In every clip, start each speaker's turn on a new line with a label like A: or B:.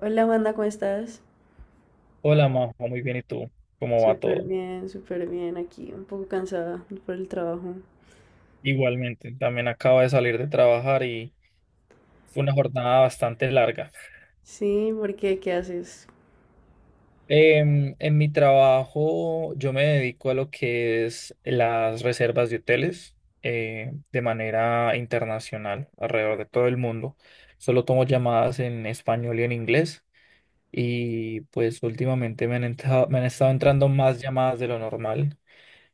A: Hola, Amanda, ¿cómo estás?
B: Hola, Majo, muy bien, ¿y tú? ¿Cómo va todo?
A: Súper bien aquí, un poco cansada por el trabajo.
B: Igualmente, también acabo de salir de trabajar y fue una jornada bastante larga.
A: Sí, ¿por qué? ¿Qué haces?
B: En mi trabajo yo me dedico a lo que es las reservas de hoteles de manera internacional alrededor de todo el mundo. Solo tomo llamadas en español y en inglés y pues últimamente me han estado entrando más llamadas de lo normal.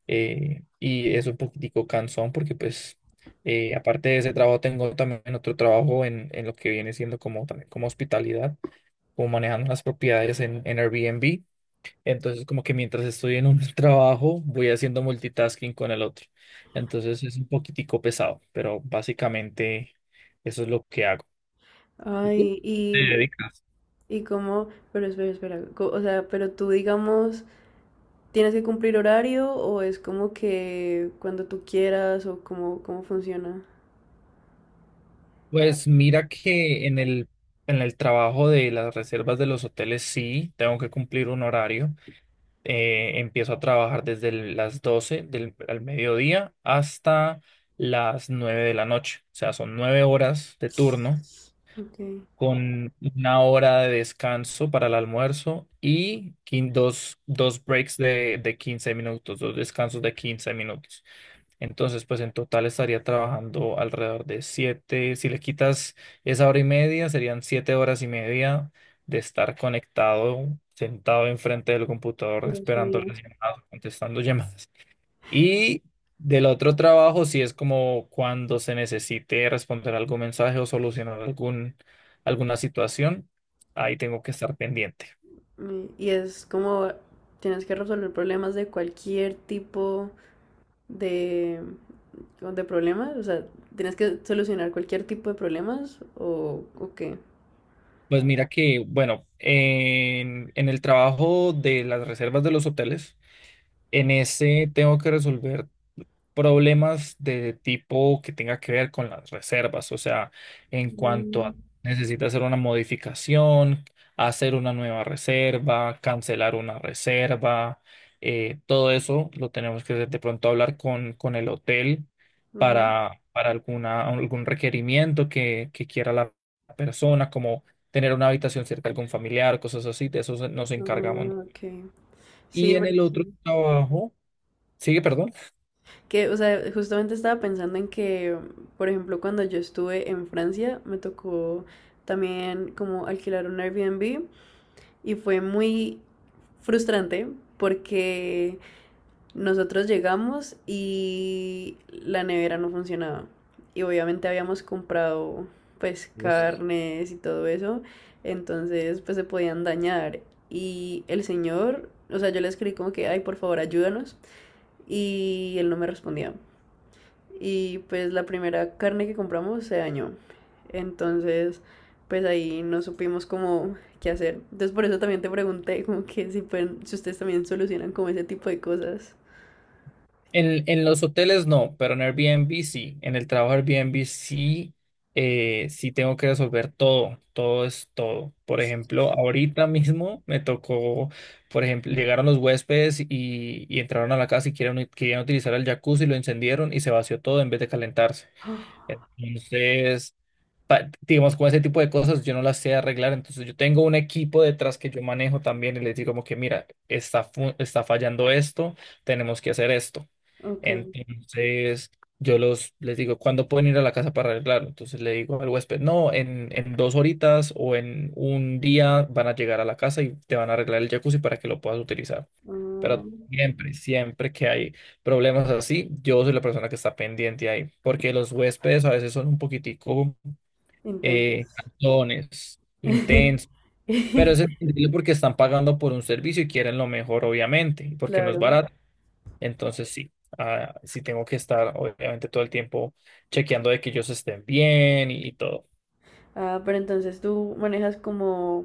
B: Y es un poquitico cansón porque pues aparte de ese trabajo tengo también otro trabajo en lo que viene siendo como también como hospitalidad, como manejando las propiedades en Airbnb. Entonces como que mientras estoy en un trabajo voy haciendo multitasking con el otro. Entonces es un poquitico pesado, pero básicamente eso es lo que hago. ¿Y tú?
A: Ay,
B: ¿Te dedicas?
A: y cómo, pero espera, o sea, pero tú digamos, ¿tienes que cumplir horario o es como que cuando tú quieras o cómo, cómo funciona?
B: Pues mira que en el trabajo de las reservas de los hoteles sí, tengo que cumplir un horario. Empiezo a trabajar las 12 del al mediodía hasta las 9 de la noche. O sea, son 9 horas de turno
A: Ok.
B: con una hora de descanso para el almuerzo y dos breaks de 15 minutos, dos descansos de 15 minutos. Entonces, pues en total estaría trabajando alrededor de siete, si le quitas esa hora y media, serían 7 horas y media de estar conectado, sentado enfrente del computador,
A: Dios
B: esperando
A: mío.
B: las llamadas, contestando llamadas. Y del otro trabajo, si es como cuando se necesite responder algún mensaje o solucionar alguna situación, ahí tengo que estar pendiente.
A: Y es como, tienes que resolver problemas de cualquier tipo. De, de problemas? O sea, ¿tienes que solucionar cualquier tipo de problemas o qué?
B: Pues mira que, bueno, en el trabajo de las reservas de los hoteles, en ese tengo que resolver problemas de tipo que tenga que ver con las reservas, o sea, en cuanto
A: Mm,
B: a necesita hacer una modificación, hacer una nueva reserva, cancelar una reserva, todo eso lo tenemos que de pronto hablar con el hotel
A: ujú.
B: para algún requerimiento que quiera la persona, como tener una habitación cerca de algún familiar, cosas así, de eso nos encargamos, ¿no?
A: Ah, okay.
B: Y
A: Sí,
B: en el otro trabajo, sigue, perdón.
A: que, o sea, justamente estaba pensando en que, por ejemplo, cuando yo estuve en Francia, me tocó también como alquilar un Airbnb y fue muy frustrante porque nosotros llegamos y la nevera no funcionaba. Y obviamente habíamos comprado pues
B: Vos-
A: carnes y todo eso. Entonces pues se podían dañar. Y el señor, o sea, yo le escribí como que, ay, por favor, ayúdanos. Y él no me respondía. Y pues la primera carne que compramos se dañó. Entonces pues ahí no supimos cómo qué hacer. Entonces por eso también te pregunté como que si, pueden, si ustedes también solucionan como ese tipo de cosas.
B: En, En los hoteles no, pero en Airbnb sí. En el trabajo Airbnb sí, sí tengo que resolver todo. Todo es todo. Por ejemplo, ahorita mismo me tocó, por ejemplo, llegaron los huéspedes y entraron a la casa y querían utilizar el jacuzzi, lo encendieron y se vació todo en vez de calentarse. Entonces, digamos, con ese tipo de cosas yo no las sé arreglar, entonces yo tengo un equipo detrás que yo manejo también y les digo como que, mira, está fallando esto, tenemos que hacer esto.
A: Ok.
B: Entonces, yo los, les digo, ¿cuándo pueden ir a la casa para arreglarlo? Entonces le digo al huésped, no, en dos horitas o en un día van a llegar a la casa y te van a arreglar el jacuzzi para que lo puedas utilizar. Pero
A: Mm,
B: siempre, siempre que hay problemas así, yo soy la persona que está pendiente ahí, porque los huéspedes a veces son un poquitico
A: intensos.
B: cantones, intensos, pero es entendible porque están pagando por un servicio y quieren lo mejor, obviamente, y porque no es
A: Claro.
B: barato. Entonces sí tengo que estar, obviamente, todo el tiempo chequeando de que ellos estén bien y todo.
A: Ah, pero entonces tú manejas como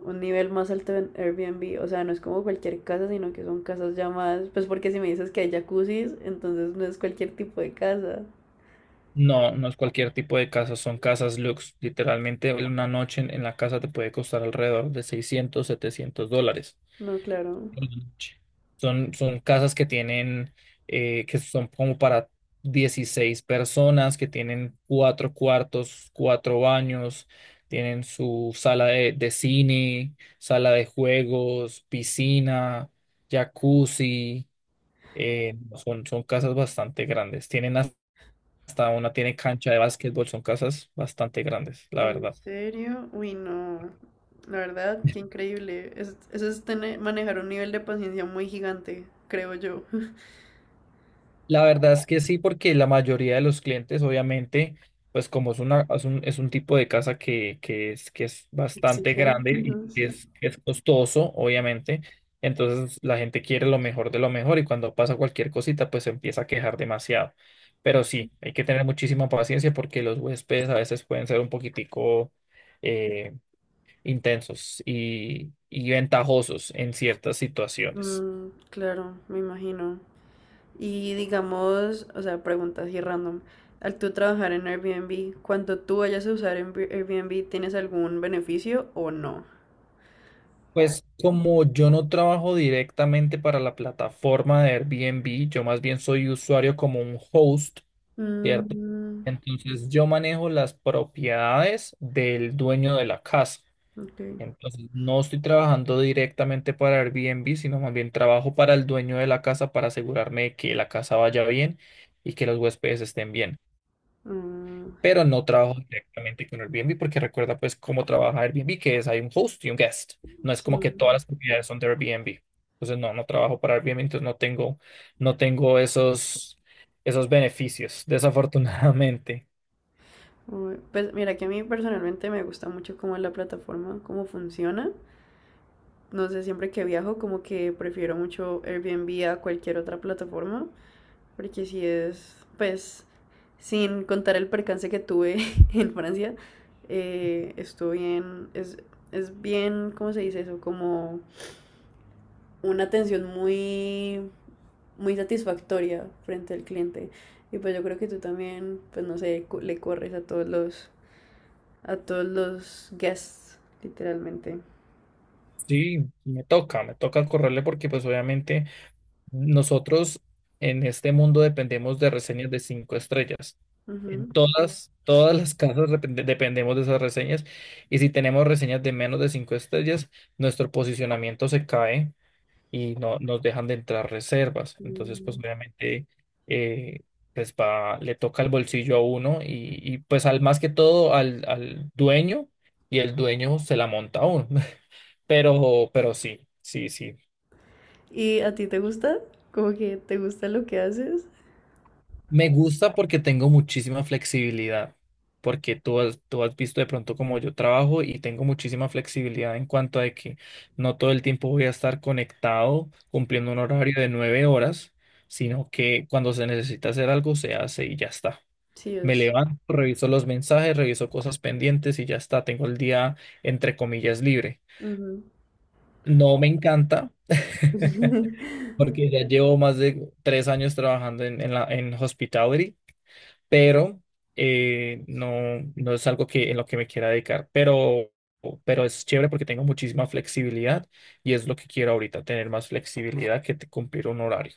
A: un nivel más alto en Airbnb, o sea, no es como cualquier casa, sino que son casas ya más, pues porque si me dices que hay jacuzzis, entonces no es cualquier tipo de casa.
B: No, no es cualquier tipo de casa, son casas lux. Literalmente una noche en la casa te puede costar alrededor de 600 700 dólares.
A: No, claro.
B: Son, son casas que tienen, que son como para 16 personas, que tienen cuatro cuartos, cuatro baños, tienen su sala de cine, sala de juegos, piscina, jacuzzi. eh, son casas bastante grandes. Tiene cancha de básquetbol, son casas bastante grandes, la
A: ¿En
B: verdad.
A: serio? Uy, no. La verdad, qué increíble. Eso es tener, manejar un nivel de paciencia muy gigante, creo yo.
B: La verdad es que sí, porque la mayoría de los clientes, obviamente, pues como es un tipo de casa que es bastante
A: Exige.
B: grande
A: Ujú,
B: y que
A: sí.
B: es, que es costoso, obviamente, entonces la gente quiere lo mejor de lo mejor y cuando pasa cualquier cosita, pues se empieza a quejar demasiado. Pero sí, hay que tener muchísima paciencia porque los huéspedes a veces pueden ser un poquitico eh, intensos y ventajosos en ciertas situaciones.
A: Mm, claro, me imagino. Y digamos, o sea, preguntas así random. Al tú trabajar en Airbnb, cuando tú vayas a usar en Airbnb, ¿tienes algún beneficio o no?
B: Pues como yo no trabajo directamente para la plataforma de Airbnb, yo más bien soy usuario como un host, ¿cierto?
A: Mm,
B: Entonces yo manejo las propiedades del dueño de la casa.
A: ok.
B: Entonces no estoy trabajando directamente para Airbnb, sino más bien trabajo para el dueño de la casa para asegurarme de que la casa vaya bien y que los huéspedes estén bien,
A: Mm,
B: pero no trabajo directamente con Airbnb porque recuerda pues cómo trabaja Airbnb, que es hay un host y un guest. No es
A: sí.
B: como que todas las propiedades son de Airbnb. Entonces no, no trabajo para Airbnb, entonces no tengo esos beneficios, desafortunadamente.
A: Uy, pues mira que a mí personalmente me gusta mucho cómo es la plataforma, cómo funciona. No sé, siempre que viajo como que prefiero mucho Airbnb a cualquier otra plataforma. Porque si es, pues, sin contar el percance que tuve en Francia, estuvo bien, es bien, ¿cómo se dice eso? Como una atención muy satisfactoria frente al cliente. Y pues yo creo que tú también, pues no sé, le corres a a todos los guests, literalmente.
B: Sí, me toca correrle porque pues obviamente nosotros en este mundo dependemos de reseñas de 5 estrellas. En
A: Ujú.
B: todas, todas las casas dependemos de esas reseñas. Y si tenemos reseñas de menos de 5 estrellas, nuestro posicionamiento se cae y no nos dejan de entrar reservas. Entonces, pues
A: Mm.
B: obviamente, eh, pues va, le toca el bolsillo a uno pues al más que todo al, al dueño y el dueño se la monta a uno. Pero sí, sí, sí.
A: ¿Y a ti te gusta? ¿Como que te gusta lo que haces?
B: Me gusta porque tengo muchísima flexibilidad, porque tú has visto de pronto cómo yo trabajo y tengo muchísima flexibilidad en cuanto a que no todo el tiempo voy a estar conectado cumpliendo un horario de 9 horas, sino que cuando se necesita hacer algo se hace y ya está.
A: Sí,
B: Me
A: es.
B: levanto, reviso los mensajes, reviso cosas pendientes y ya está. Tengo el día, entre comillas, libre.
A: Ujú.
B: No me encanta porque ya llevo más de 3 años trabajando en la, en hospitality, pero no, no es algo que, en lo que me quiera dedicar, pero es chévere porque tengo muchísima flexibilidad y es lo que quiero ahorita, tener más flexibilidad que cumplir un horario.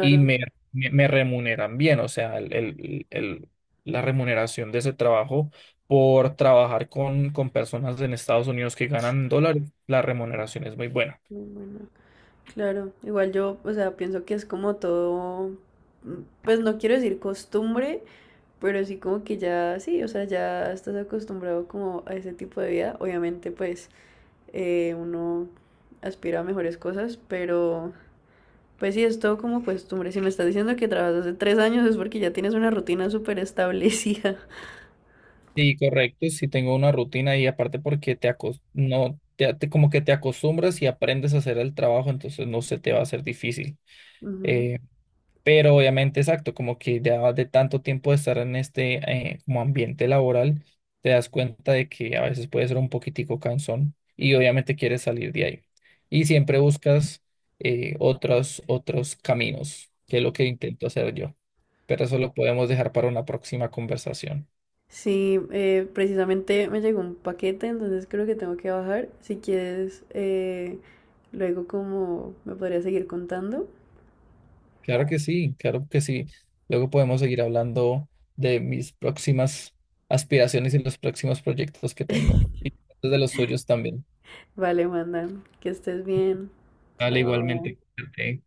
B: Y me remuneran bien, o sea, la remuneración de ese trabajo por trabajar con personas en Estados Unidos que ganan en dólares, la remuneración es muy buena.
A: No, bueno, claro, igual yo, o sea, pienso que es como todo, mm, pues no quiero decir costumbre, pero sí como que ya, sí, o sea, ya estás acostumbrado como a ese tipo de vida. Obviamente, pues uno aspira a mejores cosas, pero pues sí, es todo como costumbre. Si me estás diciendo que trabajas hace 3 años es porque ya tienes una rutina súper establecida.
B: Sí, correcto, sí tengo una rutina y aparte porque no como que te acostumbras y aprendes a hacer el trabajo, entonces no se te va a hacer difícil. Eh, pero obviamente, exacto, como que ya de tanto tiempo de estar en este como ambiente laboral, te das cuenta de que a veces puede ser un poquitico cansón y obviamente quieres salir de ahí. Y siempre buscas otros caminos, que es lo que intento hacer yo. Pero eso lo podemos dejar para una próxima conversación.
A: Sí, precisamente me llegó un paquete, entonces creo que tengo que bajar. Si quieres, luego como me podría seguir contando.
B: Claro que sí, claro que sí. Luego podemos seguir hablando de mis próximas aspiraciones y los próximos proyectos que tengo. Y de los suyos también.
A: Vale, mandan, que estés bien.
B: Dale,
A: Chao.
B: igualmente. Cuídate.